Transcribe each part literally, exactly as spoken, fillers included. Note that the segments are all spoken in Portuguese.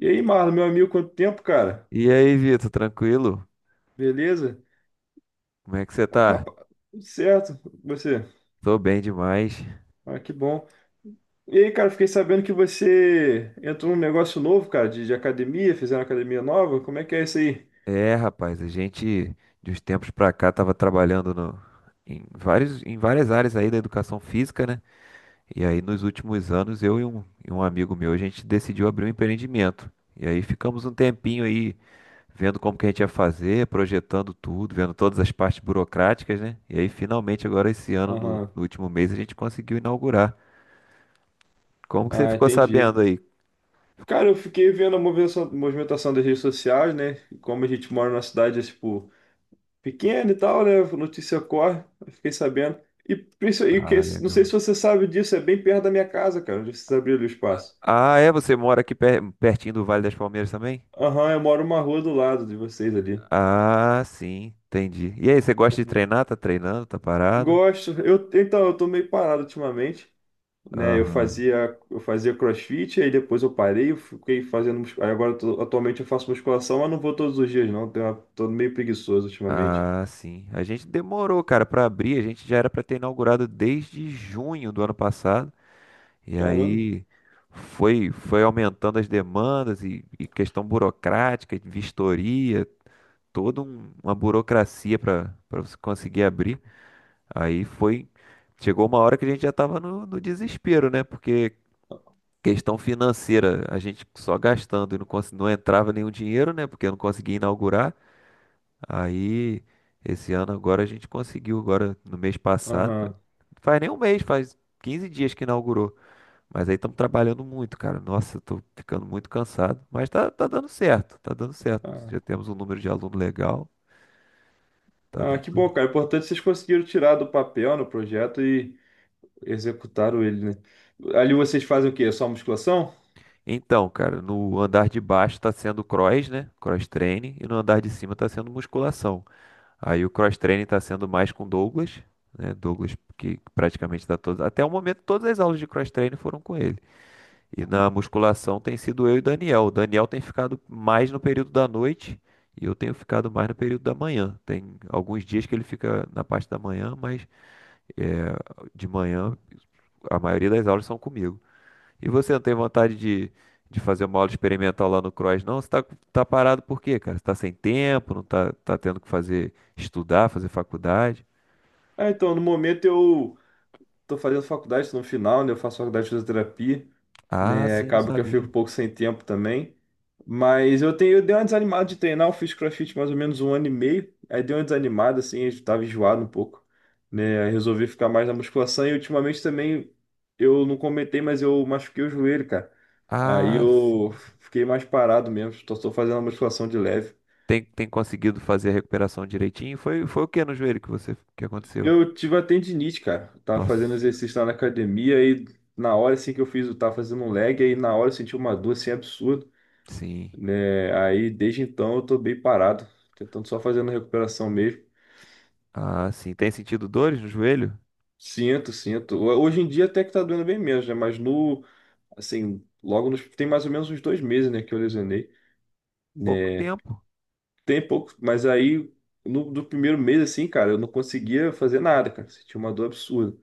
E aí, Marlon, meu amigo, quanto tempo, cara? E aí, Vitor, tranquilo? Beleza? Como é que você Ah, tá? rapaz, tudo certo, você? Tô bem demais. Ah, que bom. E aí, cara, fiquei sabendo que você entrou num negócio novo, cara, de, de academia, fizeram academia nova. Como é que é isso aí? É, rapaz, a gente de uns tempos pra cá tava trabalhando no- em vários, em várias áreas aí da educação física, né? E aí nos últimos anos eu e um, e um amigo meu, a gente decidiu abrir um empreendimento. E aí ficamos um tempinho aí vendo como que a gente ia fazer, projetando tudo, vendo todas as partes burocráticas, né? E aí finalmente agora esse ano, no, Aham. no último mês, a gente conseguiu inaugurar. Como que você Ah, ficou entendi. sabendo aí? Cara, eu fiquei vendo a movimentação, movimentação das redes sociais, né? Como a gente mora numa cidade, tipo, pequena e tal, né? Notícia corre, eu fiquei sabendo. E, princi- e que, Ah, não sei legal. se você sabe disso, é bem perto da minha casa, cara, onde vocês abriram o espaço. Ah, é? Você mora aqui per- pertinho do Vale das Palmeiras também? Aham, eu moro uma rua do lado de vocês ali. Ah, sim, entendi. E aí, você gosta de Maneiro. treinar? Tá treinando? Tá parado? Gosto. Eu, então, eu tô meio parado ultimamente, né? Eu Aham. fazia, eu fazia CrossFit, aí depois eu parei, eu fiquei fazendo, mus- aí agora eu tô- atualmente eu faço musculação, mas não vou todos os dias não. Tenho uma- tô meio preguiçoso ultimamente. Ah, sim. A gente demorou, cara, pra abrir. A gente já era pra ter inaugurado desde junho do ano passado. E Caramba. aí foi foi aumentando as demandas e, e questão burocrática, de vistoria, toda um- uma burocracia pra para você conseguir abrir. Aí foi Chegou uma hora que a gente já tava no, no desespero, né? Porque questão financeira, a gente só gastando e não, cons- não entrava nenhum dinheiro, né? Porque eu não conseguia inaugurar. Aí, esse ano agora a gente conseguiu, agora no mês passado. Aham. Faz nem um mês, faz quinze dias que inaugurou. Mas aí estamos trabalhando muito, cara. Nossa, eu tô ficando muito cansado. Mas tá, tá dando certo, tá dando certo. Ah, Já temos um número de aluno legal. tá ah, que dando- bom, cara. O importante é que vocês conseguiram tirar do papel no projeto e executaram ele, né? Ali vocês fazem o quê? É só musculação? Então, cara, no andar de baixo tá sendo cross, né? Cross training. E no andar de cima tá sendo musculação. Aí o cross-training está sendo mais com Douglas, né? Douglas que praticamente dá todas, até o momento todas as aulas de cross-training foram com ele. E na musculação tem sido eu e o Daniel. O Daniel tem ficado mais no período da noite e eu tenho ficado mais no período da manhã. Tem alguns dias que ele fica na parte da manhã, mas é, de manhã a maioria das aulas são comigo. E você não tem vontade de, de fazer uma aula experimental lá no cross, não? Você tá, tá parado por quê, cara? Você tá sem tempo, não tá, tá tendo que fazer estudar, fazer faculdade? Ah, então, no momento eu tô fazendo faculdade, tô no final, né? Eu faço faculdade de fisioterapia. Ah, Né? sim, não Acaba que eu fico sabia. um pouco sem tempo também. Mas eu tenho, eu dei uma desanimada de treinar, eu fiz CrossFit mais ou menos um ano e meio. Aí dei uma desanimada, assim, eu tava enjoado um pouco, né? Aí resolvi ficar mais na musculação e ultimamente também eu não comentei, mas eu machuquei o joelho, cara. Aí Ah, sim. eu fiquei mais parado mesmo, só tô fazendo uma musculação de leve. Tem, tem conseguido fazer a recuperação direitinho? Foi, foi o que no joelho que você, que aconteceu? Eu tive a tendinite, cara. Tava fazendo Nossa, exercício lá na academia e na hora assim que eu fiz, eu tava fazendo um leg, aí na hora eu senti uma dor assim absurda. sim. Né? Aí desde então eu tô bem parado, tentando só fazendo recuperação mesmo. Ah, sim. Tem sentido dores no joelho? Sinto, sinto. Ho- Hoje em dia até que tá doendo bem menos, né? Mas no, assim, logo nos, Tem mais ou menos uns dois meses, né, que eu lesionei, Pouco né? tempo. Tem pouco, mas aí no, do primeiro mês, assim, cara, eu não conseguia fazer nada, cara. Sentia uma dor absurda.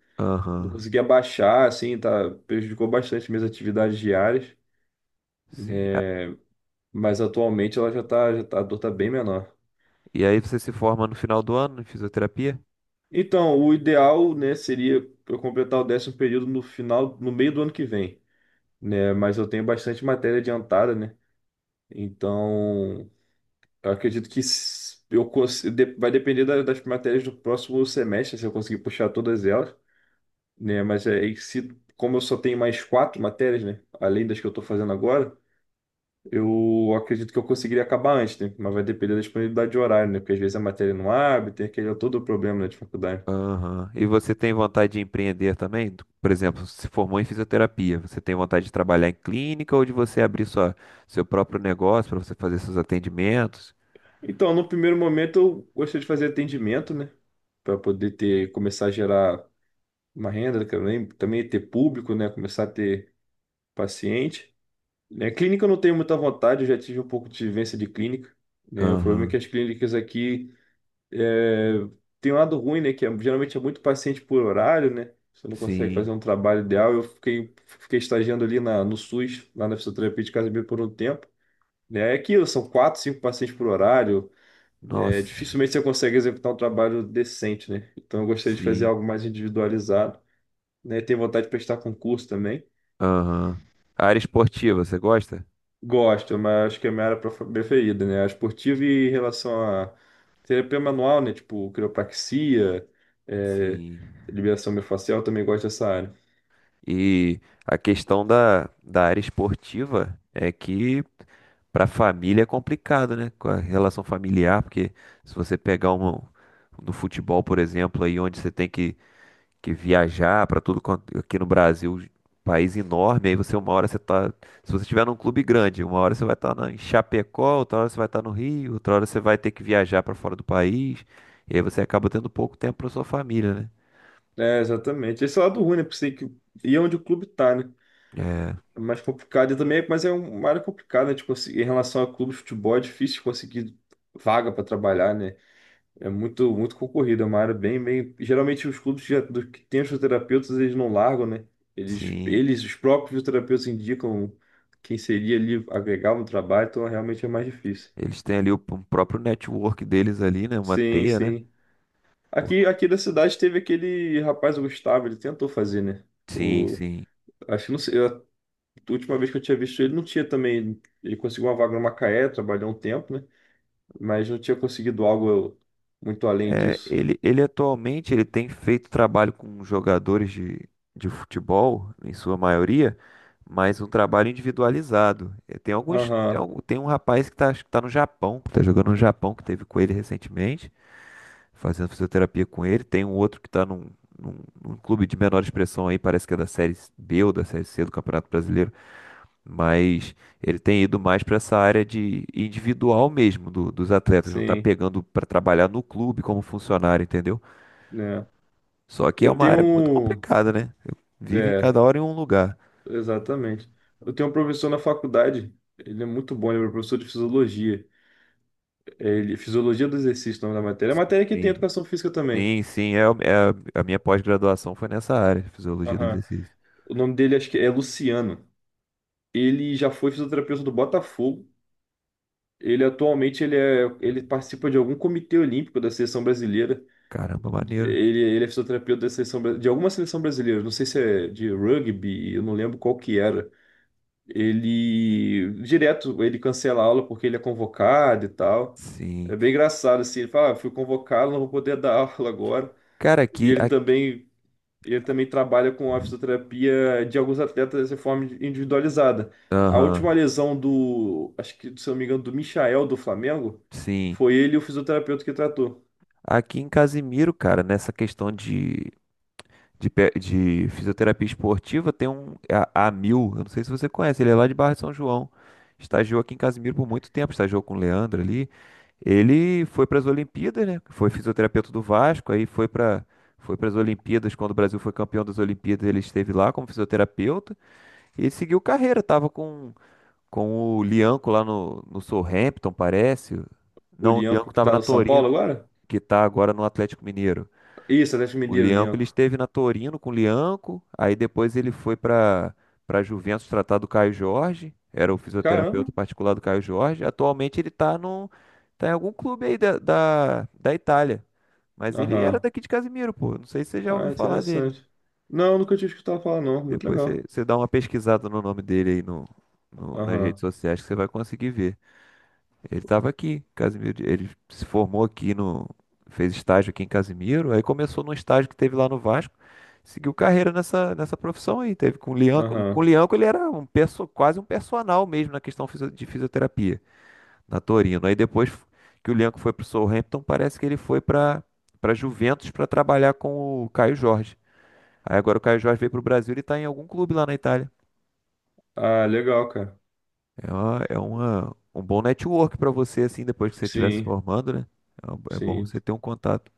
Não Aham, conseguia baixar, assim, tá, prejudicou bastante minhas atividades diárias, sim. A- né? Mas atualmente ela já tá, já tá, a dor tá bem menor. E aí você se forma no final do ano em fisioterapia? Então, o ideal, né, seria eu completar o décimo período no final, no meio do ano que vem, né? Mas eu tenho bastante matéria adiantada, né? Então, eu acredito que s- eu cons- de- vai depender da- das matérias do próximo semestre, se eu conseguir puxar todas elas, né? Mas é e se, Como eu só tenho mais quatro matérias, né, além das que eu estou fazendo agora, eu acredito que eu conseguiria acabar antes, né? Mas vai depender da disponibilidade de horário, né? Porque às vezes a matéria não abre, tem aquele todo o problema, né, de faculdade. Aham. E você tem vontade de empreender também? Por exemplo, se formou em fisioterapia, você tem vontade de trabalhar em clínica ou de você abrir sua, seu próprio negócio para você fazer seus atendimentos? Então, no primeiro momento eu gostei de fazer atendimento, né? Para poder ter, começar a gerar uma renda, que eu lembro, também ter público, né? Começar a ter paciente. Né? Clínica eu não tenho muita vontade, eu já tive um pouco de vivência de clínica, né? O problema é que Aham. as clínicas aqui é, tem um lado ruim, né? Que é- geralmente é muito paciente por horário, né? Você não consegue Sim. fazer um trabalho ideal. Eu fiquei, fiquei estagiando ali na, no SUS, lá na fisioterapia de Casimiro por um tempo. Né? É aquilo, são quatro, cinco pacientes por horário, é, Nossa, dificilmente você consegue executar um trabalho decente, né? Então eu gostaria de fazer sim, algo mais individualizado, né? Tenho vontade de prestar concurso também. aham. A área esportiva, você gosta? Gosto, mas acho que é a minha área prof- preferida, né? A esportiva e em relação a terapia manual, né? Tipo quiropraxia, é, Sim. liberação miofascial, eu também gosto dessa área. E a questão da, da área esportiva é que para a família é complicado, né? Com a relação familiar, porque se você pegar uma, no futebol, por exemplo, aí onde você tem que que viajar para tudo quanto aqui no Brasil, país enorme, aí você uma hora você tá, se você estiver num clube grande, uma hora você vai estar em Chapecó, outra hora você vai estar no Rio, outra hora você vai ter que viajar para fora do país, e aí você acaba tendo pouco tempo para sua família, né? É, exatamente. Esse é o lado ruim, né? Porque você tem que ir onde o clube tá, né? É, É mais complicado e também, mas é uma área complicada, né? De conseguir- em relação a clube de futebol, é difícil conseguir vaga para trabalhar, né? É muito, muito concorrido, é uma área bem, bem. Geralmente os clubes que, já, do- que têm os fisioterapeutas, eles não largam, né? Eles, sim, eles, os próprios fisioterapeutas indicam quem seria ali agregar no trabalho, então realmente é mais difícil. eles têm ali o, p- o próprio network deles ali, né, uma Sim, teia, né? sim. Aqui, Porque, aqui da cidade teve aquele rapaz, o Gustavo, ele tentou fazer, né? sim, O, sim. Acho que não sei, a última vez que eu tinha visto ele, não tinha também. Ele conseguiu uma vaga no Macaé, trabalhou um tempo, né? Mas não tinha conseguido algo muito além É, disso. ele, ele atualmente ele tem feito trabalho com jogadores de, de futebol, em sua maioria, mas um trabalho individualizado. É, tem alguns, tem Aham, algum- tem um rapaz que está no Japão, que está jogando no Japão, que teve com ele recentemente, fazendo fisioterapia com ele. Tem um outro que está num, num, num clube de menor expressão aí, parece que é da Série B ou da Série C do Campeonato Brasileiro, mas ele tem ido mais para essa área de individual mesmo do- dos atletas, não tá sim. pegando para trabalhar no clube como funcionário, entendeu? Né? Só que é Eu uma tenho. área muito um- complicada, né? Eu- Vive É, cada hora em um lugar. exatamente. Eu tenho um professor na faculdade. Ele é muito bom, ele é meu professor de fisiologia. É, Ele, fisiologia do exercício, o nome da matéria. É a matéria que tem Sim, educação física também. sim, sim, é, o- é- a minha pós-graduação foi nessa área, fisiologia do Aham. exercício. O nome dele acho que é Luciano. Ele já foi fisioterapeuta do Botafogo. Ele atualmente ele, é, ele participa de algum comitê olímpico da seleção brasileira. Caramba, maneiro. Ele, ele é fisioterapeuta da seleção, bra- de alguma seleção brasileira. Não sei se é de rugby, eu não lembro qual que era. Ele direto ele cancela a aula porque ele é convocado e tal. Sim. É bem engraçado assim, ele fala, ah, fui convocado, não vou poder dar aula agora. Cara, E aqui, ele a- também ele também trabalha com a fisioterapia de alguns atletas de forma individualizada. A última aham, lesão do, acho que, se eu não me engano, do Michael do Flamengo, sim. foi ele o fisioterapeuta que tratou. Aqui em Casimiro, cara, nessa questão de de, pe- de fisioterapia esportiva, tem um é a, Amil, eu não sei se você conhece, ele é lá de Barra de São João. Estagiou aqui em Casimiro por muito tempo, estagiou com o Leandro ali. Ele foi para as Olimpíadas, né? Foi fisioterapeuta do Vasco, aí foi para foi para as Olimpíadas, quando o Brasil foi campeão das Olimpíadas, ele esteve lá como fisioterapeuta e ele seguiu carreira, tava com com o Lianco lá no no Southampton, parece. O Não, o Lianco Lianco que tava tá na no São Torino, Paulo agora? que tá agora no Atlético Mineiro. Isso, Atlético O Mineiro, Lianco, ele Lianco. esteve na Torino com o Lianco, aí depois ele foi para para Juventus tratar do Caio Jorge, era o fisioterapeuta Caramba. particular do Caio Jorge. Atualmente ele tá no tá em algum clube aí da, da, da Itália, mas ele era Aham. daqui de Casimiro, pô. Não sei se você já ouviu Ah, falar dele. interessante. Não, nunca tinha escutado falar, não. Muito Depois você, legal. você dá uma pesquisada no nome dele aí no, no- nas redes Aham, sociais que você vai conseguir ver. Ele estava aqui, Casimiro. De- Ele se formou aqui no. Fez estágio aqui em Casimiro. Aí começou num estágio que teve lá no Vasco. Seguiu carreira nessa, nessa profissão aí. Teve com o Lianco. Com o aham. Lianco ele era um perso, quase um personal mesmo na questão fisio- de fisioterapia, na Torino. Aí depois que o Lianco foi pro Southampton, parece que ele foi para para Juventus para trabalhar com o Caio Jorge. Aí agora o Caio Jorge veio pro Brasil e está em algum clube lá na Itália. Ah, legal, cara. É uma, é uma, um bom network pra você, assim, depois que você estiver se Sim, formando, né? É um- é bom sim. você ter um contato,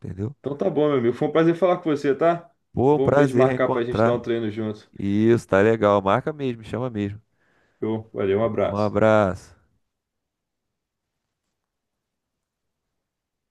entendeu? Então tá bom, meu amigo. Foi um prazer falar com você, tá? Pô, um Vamos ver de prazer marcar pra gente dar reencontrar. um treino junto. Isso, tá legal. Marca mesmo, chama mesmo. Eu, valeu, um Um abraço. abraço.